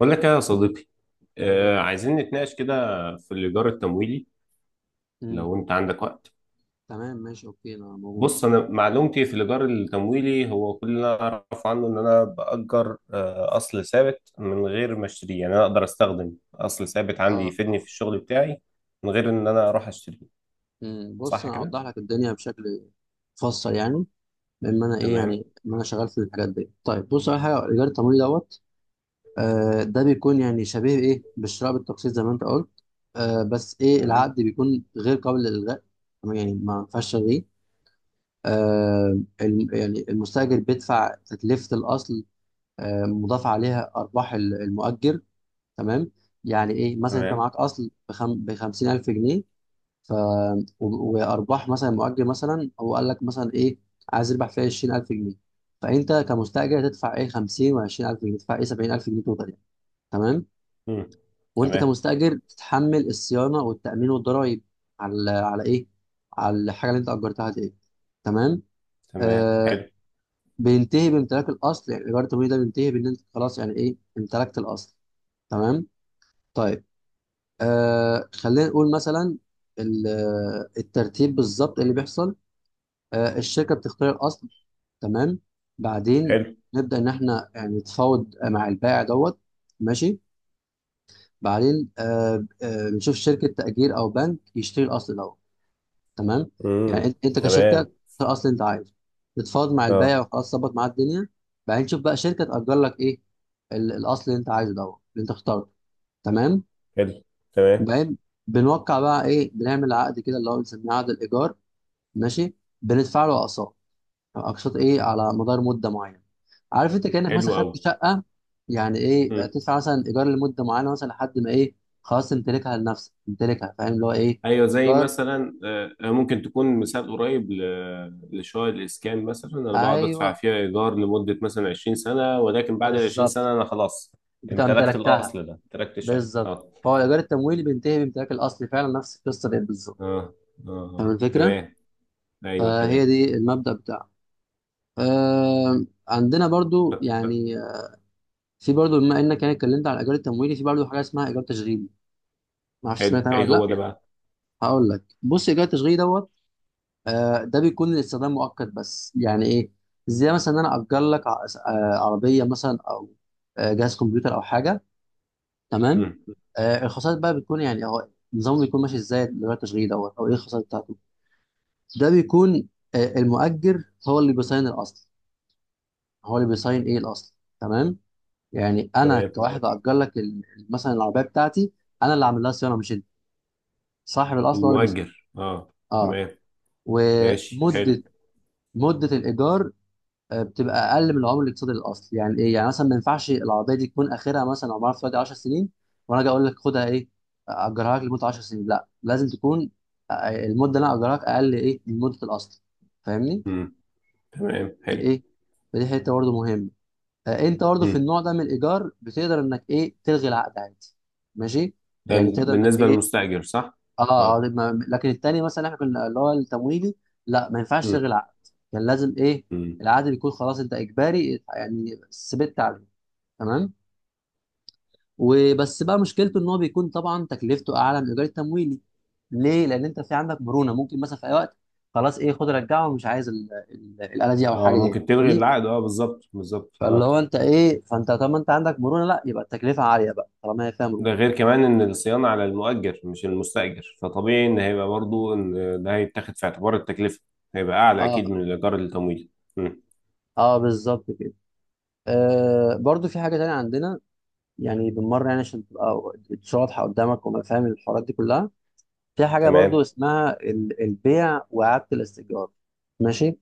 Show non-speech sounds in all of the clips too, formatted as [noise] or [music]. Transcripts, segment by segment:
بقول لك إيه يا صديقي. آه، عايزين نتناقش كده في الإيجار التمويلي مم. لو أنت عندك وقت. تمام ماشي اوكي انا موجود. بص أنا معلومتي في الإيجار التمويلي هو كل اللي أنا أعرف عنه إن أنا بأجر أصل ثابت من غير ما أشتريه، يعني أنا أقدر أستخدم أصل ثابت عندي اه يفيدني اه في الشغل بتاعي من غير إن أنا أروح أشتريه. بص صح انا كده؟ اوضح لك الدنيا بشكل مفصل يعني، لان انا ايه تمام. يعني ما انا شغال في الحاجات دي. طيب بص، اول حاجه الايجار التمويلي دوت، ده بيكون يعني شبيه ايه بالشراء بالتقسيط زي ما انت قلت. بس ايه، تمام. العقد بيكون غير قابل للالغاء، تمام؟ يعني ما ينفعش تلغيه. يعني المستاجر بيدفع تكلفه الاصل، مضاف عليها ارباح المؤجر، تمام. يعني ايه، مثلا انت تمام. معاك اصل ب 50,000 جنيه، ف وارباح مثلا مؤجر، مثلا هو قال لك مثلا ايه، عايز يربح فيها 20,000 جنيه، فانت كمستاجر تدفع ايه 50 و20000 جنيه، تدفع ايه 70,000 جنيه توتال يعني، تمام. مم. وانت تمام. كمستاجر تتحمل الصيانه والتامين والضرايب على ايه، على الحاجه اللي انت اجرتها دي، تمام. تمام. آه حلو. بينتهي بامتلاك الاصل، يعني ايجار التمويل ده بينتهي بان انت خلاص يعني ايه امتلكت الاصل، تمام. طيب، خلينا نقول مثلا الترتيب بالظبط إيه اللي بيحصل. الشركه بتختار الاصل، تمام. بعدين حلو. نبدا ان احنا يعني نتفاوض مع البائع دوت، ماشي. بعدين نشوف شركه تاجير او بنك يشتري الاصل دوت، تمام. يعني مم. انت، كشركه تختار تمام. الاصل اللي انت عايزه، تتفاوض مع البائع أه. وخلاص ظبط معاه الدنيا. بعدين تشوف بقى شركه تاجر لك ايه الاصل اللي انت عايزه دوت، اللي انت اخترته، تمام. حلو. تمام. وبعدين بنوقع بقى ايه، بنعمل عقد كده اللي هو بنسميه عقد الايجار، ماشي. بندفع له اقساط، اقساط ايه على مدار مده معينه. عارف، انت كانك مثلا حلو خدت أوي. شقه، يعني ايه تدفع مثلا ايجار لمده معينه، مثلا لحد ما ايه، خلاص تمتلكها لنفسك، تمتلكها. فاهم اللي هو ايه؟ ايوه، زي ايجار مثلا ممكن تكون مثال قريب لشقق الاسكان، مثلا انا بقعد ادفع ايوه، فيها ايجار لمده مثلا 20 سنه، ولكن بعد ال 20 بالظبط، سنه انا خلاص بتاع امتلكت امتلكتها. الاصل ده، امتلكت الشقه. بالظبط، اه. فهو الايجار التمويلي بينتهي بامتلاك الاصل فعلا، نفس القصه دي بالظبط. اه اه. فاهم آه. الفكره؟ تمام. ايوه فهي تمام. دي المبدا بتاعه. عندنا برضو طب، يعني في برضو، بما انك يعني اتكلمت على الايجار التمويلي، في برضو حاجه اسمها ايجار تشغيلي. ما اعرفش سمعت حلو، عنها ايه ولا لا، هو ده اوكي؟ بقى؟ هقول لك بص، ايجار التشغيلي دوت، ده بيكون للاستخدام مؤقت بس، يعني ايه، زي مثلا ان انا اجر لك عربيه مثلا، او جهاز كمبيوتر او حاجه، تمام. مم. الخصائص بقى بتكون يعني، هو النظام بيكون ماشي ازاي الايجار التشغيلي دوت، او ايه الخصائص بتاعته. ده بيكون المؤجر هو اللي بيصين الاصل، هو اللي بيصين ايه الاصل، تمام. يعني انا تمام. كواحد اجر لك مثلا العربيه بتاعتي، انا اللي عامل لها صيانه مش انت، صاحب الاصل هو اللي بيسأل، المؤجر اه. اه. تمام ماشي حلو. ومده، مده الايجار، آه، بتبقى اقل من العمر الاقتصادي للاصل، يعني ايه، يعني مثلا ما ينفعش العربيه دي تكون اخرها مثلا، عمرها في دلوقتي 10 سنين، وانا اجي اقول لك خدها ايه اجرها لك لمده 10 سنين، لا لازم تكون آه، المده اللي انا اجرها لك اقل ايه من مده الاصل. فاهمني؟ مم. تمام. دي حلو. ايه، فدي حته برضه مهمه. آه، انت برضه في مم. النوع ده من الايجار بتقدر انك ايه تلغي العقد عادي، ماشي، ده يعني تقدر انك بالنسبه ايه، للمستاجر، صح. اه. لكن التاني مثلا احنا كنا اللي هو التمويلي، لا ما ينفعش تلغي مم. العقد، كان لازم ايه، مم. العقد بيكون خلاص انت اجباري يعني ثبت عليه، تمام. وبس بقى مشكلته ان هو بيكون طبعا تكلفته اعلى من الايجار التمويلي. ليه؟ لان انت في عندك مرونه، ممكن مثلا في اي وقت خلاص ايه خد رجعه ومش عايز الاله دي او اه، الحاجه دي، ممكن تلغي فاهمني؟ العقد، اه بالظبط بالظبط فاللي اه. هو انت ايه، فانت طالما انت عندك مرونه، لا يبقى التكلفه عاليه بقى طالما هي فيها ده مرونه. غير كمان ان الصيانه على المؤجر مش المستاجر، فطبيعي ان هيبقى برضو ان ده هيتاخد في اعتبار التكلفه، هيبقى اعلى اكيد اه من الايجار التمويل. مم. اه بالظبط كده. برضو في حاجه تانية عندنا، يعني بالمره يعني عشان تبقى الدشة واضحه قدامك، وما فاهم الحوارات دي كلها. في حاجه برضو تمام. اسمها البيع واعاده الاستئجار، ماشي.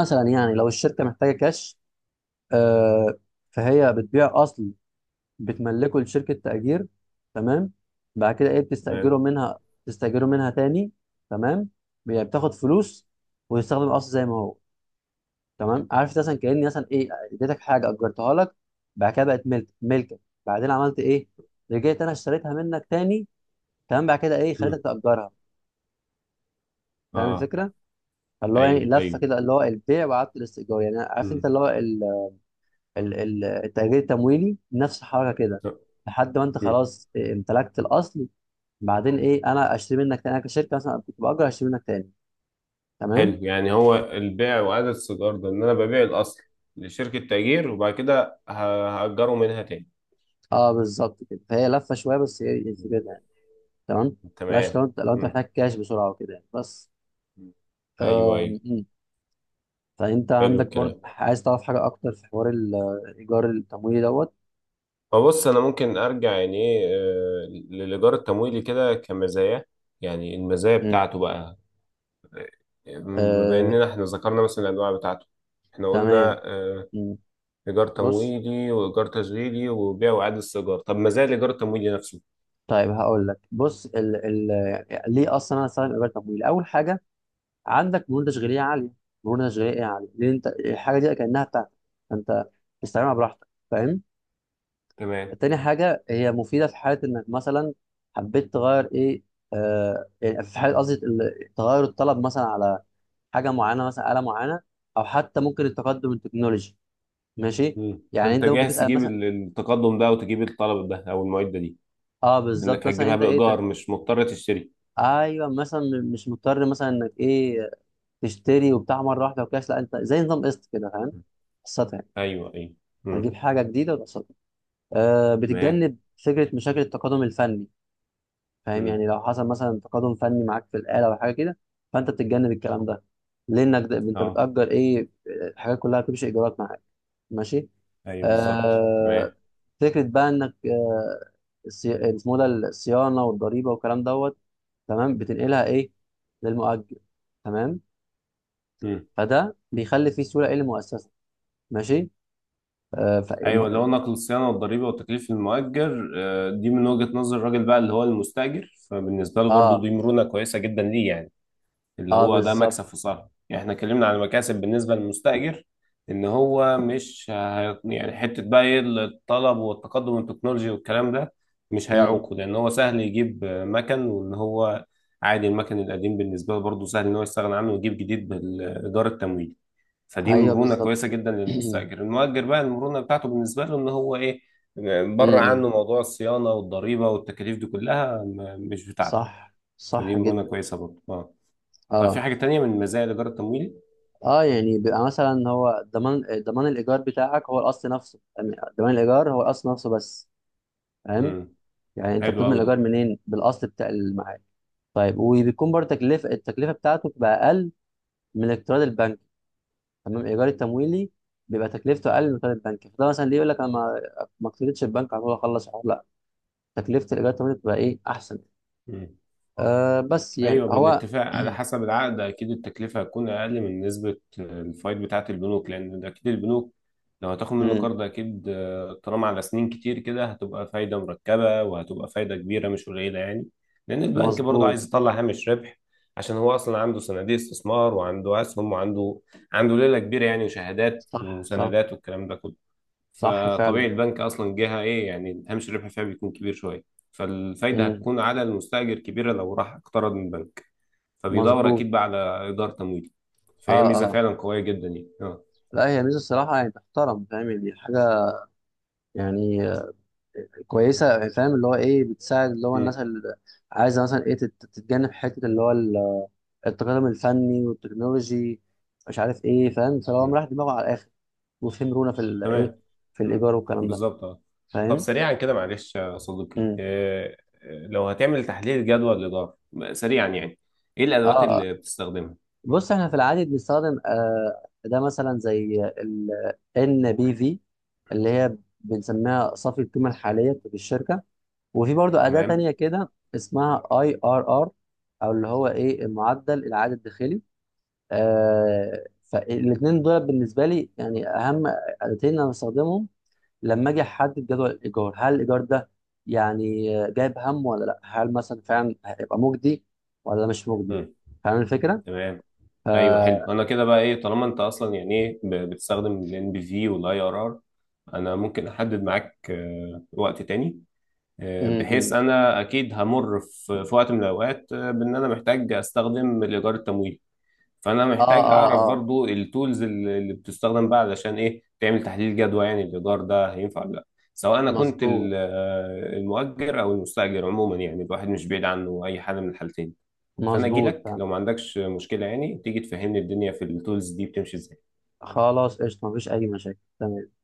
مثلا يعني لو الشركه محتاجه كاش، آه فهي بتبيع اصل، بتملكه لشركه تاجير، تمام. بعد كده ايه تمام. بتستاجره منها، تستاجره منها تاني، تمام. بتاخد فلوس ويستخدم الاصل زي ما هو، تمام. عارف مثلا كاني مثلا ايه اديتك حاجه اجرتها لك، بعد كده بقت ملكك، بعدين عملت ايه، رجعت انا اشتريتها منك تاني، تمام، بعد كده ايه مم. خليتك تاجرها. فاهم اه. الفكره؟ فاللي هو يعني ايوه لفه ايوه. كده، اللي هو البيع وعدم الاستئجار، يعني عارف انت مم. اللي هو التأجير التمويلي نفس الحركه كده، لا. لحد ما انت مم. خلاص إيه، امتلكت الاصل، بعدين ايه انا اشتري منك تاني، انا كشركه مثلا كنت باجر اشتري منك تاني، تمام. حلو، يعني هو البيع واعاده الصدار ده ان انا ببيع الاصل لشركه تأجير، وبعد كده هأجره منها تاني. اه بالظبط كده، فهي لفه شويه بس هي مم. الفكره، تمام. بلاش، تمام. لو انت، لو انت مم. محتاج كاش بسرعه وكده يعني، بس. ايوه آم، ايوه. مم. فانت حلو عندك برضه الكلام. عايز تعرف حاجه اكتر في حوار الايجار التمويلي دوت. فبص انا ممكن ارجع يعني ايه للايجار التمويلي كده كمزايا، يعني المزايا مم. بتاعته بقى. بما آه، اننا احنا ذكرنا مثلا الانواع بتاعته، احنا تمام. قلنا مم. ايجار بص، تمويلي وايجار تشغيلي وبيع واعاده استئجار. طب مزايا الايجار التمويلي نفسه. طيب هقول لك بص، ال ليه اصلا انا استخدم ايجار تمويلي. اول حاجه عندك مرونه تشغيليه عاليه، مرونه تشغيليه عاليه، لان انت الحاجه دي كانها بتاعتك، فانت استخدمها براحتك، فاهم. تمام. تاني حاجة هي مفيدة في حالة إنك مثلا حبيت تغير إيه، يعني في حالة قصدي تغير الطلب مثلا على حاجة معينة، مثلا آلة معينة، أو حتى ممكن التقدم التكنولوجي، ماشي. مم. يعني فانت أنت ممكن جاهز تسأل تجيب مثلا، التقدم ده وتجيب الطلب ده او المعده دي، لانك بالظبط مثلا هتجيبها أنت إيه بايجار ده، مش مضطر تشتري. أيوه مثلا، مش مضطر مثلا إنك إيه تشتري وبتاع مرة واحدة وكاش، لا أنت زي نظام قسط كده، فاهم، قسطها يعني، ايوه ايوه. مم. هتجيب حاجة جديدة وتقسطها. تمام. بتتجنب فكرة مشاكل التقادم الفني، فاهم، مم. يعني لو حصل مثلا تقادم فني معاك في الآلة أو حاجة كده، فأنت بتتجنب الكلام ده، لأنك ده أنت اه. بتأجر إيه، الحاجات كلها بتمشي إيجارات معاك، ماشي. ايوه بالظبط تمام. آه فكرة بقى إنك اسمه ده الصيانة والضريبة والكلام دوت، تمام، بتنقلها إيه للمؤجر، تمام، مم. فده بيخلي فيه سهولة إيه للمؤسسة، ماشي. آه ف... ايوه، اللي هو الم- نقل الصيانه والضريبه وتكليف المؤجر، دي من وجهه نظر الراجل بقى اللي هو المستاجر، فبالنسبه له برضو آه دي مرونه كويسه جدا ليه، يعني اللي آه هو ده بالظبط. مكسب في صالحه. يعني احنا اتكلمنا عن المكاسب بالنسبه للمستاجر ان هو مش يعني حته بقى ايه الطلب والتقدم والتكنولوجي والكلام ده مش مم. هيعوقه، لان هو سهل يجيب مكن، وان هو عادي المكن القديم بالنسبه له برضه سهل ان هو يستغنى عنه ويجيب جديد بالايجار التمويلي. فدي أيوه مرونه بالظبط كويسه كده. جدا [clears throat] مم، للمستاجر. المؤجر بقى المرونه بتاعته بالنسبه له ان هو ايه، بره مم. عنه موضوع الصيانه والضريبه والتكاليف دي كلها، مش بتاعته. صح فدي صح مرونه جدا. كويسه برضه اه. طب في اه حاجة تانية من مزايا الإيجار التمويلي؟ اه يعني بيبقى مثلا هو ضمان، ضمان الايجار بتاعك هو الاصل نفسه، يعني ضمان الايجار هو الاصل نفسه بس، فاهم، امم يعني انت حلو بتضمن أوي الايجار ده. منين، بالاصل بتاع المعاد. طيب وبيكون برضه تكلفه، التكلفه بتاعته بتبقى اقل من الاقتراض البنكي، تمام. الايجار التمويلي بيبقى تكلفته اقل من الاقتراض البنكي، فده مثلا ليه يقول لك انا ما، اقترضتش البنك على طول اخلص الحوار، لا، تكلفه الايجار التمويلي بتبقى ايه احسن. امم بس يعني أيوه، هو، بالاتفاق على [clears throat] حسب العقد، أكيد التكلفة هتكون أقل من نسبة الفايد بتاعة البنوك، لأن ده أكيد البنوك لو هتاخد منه مم، قرض، أكيد طالما على سنين كتير كده هتبقى فايدة مركبة، وهتبقى فايدة كبيرة مش قليلة يعني. لأن البنك برضه مظبوط. عايز يطلع هامش ربح، عشان هو أصلا عنده صناديق استثمار وعنده أسهم وعنده ليلة كبيرة يعني، وشهادات صح وسندات والكلام ده كله. صح فطبيعي فعلا. البنك اصلا جهه ايه يعني، هامش الربح فيها بيكون كبير شويه، فالفايده مم، هتكون على المستاجر كبيره لو راح اقترض من البنك، فبيدور مظبوط. اكيد بقى على ايجار تمويلي. فهي اه ميزه آه. فعلا قويه جدا يعني اه. لا هي ميزه الصراحه يعني تحترم، فاهم يعني حاجه يعني كويسه يعني، فاهم اللي هو ايه، بتساعد اللي هو الناس امم اللي عايزه مثلا ايه تتجنب حته اللي هو التقدم الفني والتكنولوجي، مش عارف ايه، فاهم، فهو امم مريح دماغه على الاخر، وفهم رونا في الايه، تمام. في امم الايجار والكلام ده، بالظبط اه. طب فاهم. سريعا كده معلش يا صديقي، امم. لو هتعمل تحليل جدوى الاداره سريعا يعني، ايه اه الادوات آه. اللي بتستخدمها؟ بص احنا في العادي بنستخدم ده مثلا زي ال NBV، اللي هي بنسميها صافي القيمه الحاليه في الشركه، وفي برضو أداة تانية تمام. كده اسمها اي ار ار، او اللي هو ايه المعدل العائد الداخلي. فالاثنين دول بالنسبة لي يعني اهم أداتين انا بستخدمهم، لما اجي احدد جدول الايجار، هل الايجار ده يعني جايب هم ولا لا، هل مثلا فعلا هيبقى مجدي ولا مش مجدي، فاهم الفكرة؟ تمام. ف... ايوه حلو. انا كده بقى ايه، طالما انت اصلا يعني ايه بتستخدم الان PV والاي ار ار، انا ممكن احدد معاك وقت تاني م- م. بحيث انا اكيد همر في وقت من الاوقات بان انا محتاج استخدم الايجار التمويلي. فانا اه محتاج اه اعرف اه. برضو التولز اللي بتستخدم بقى علشان ايه تعمل تحليل جدوى، يعني الايجار ده هينفع ولا لا، سواء انا كنت مظبوط المؤجر او المستاجر عموما يعني. الواحد مش بعيد عنه اي حاجه من الحالتين. فانا اجي مظبوط لك فاهم. لو ما عندكش مشكله، يعني تيجي تفهمني الدنيا في التولز دي بتمشي ازاي. خلاص قشطة، مفيش اي مشاكل، تمام.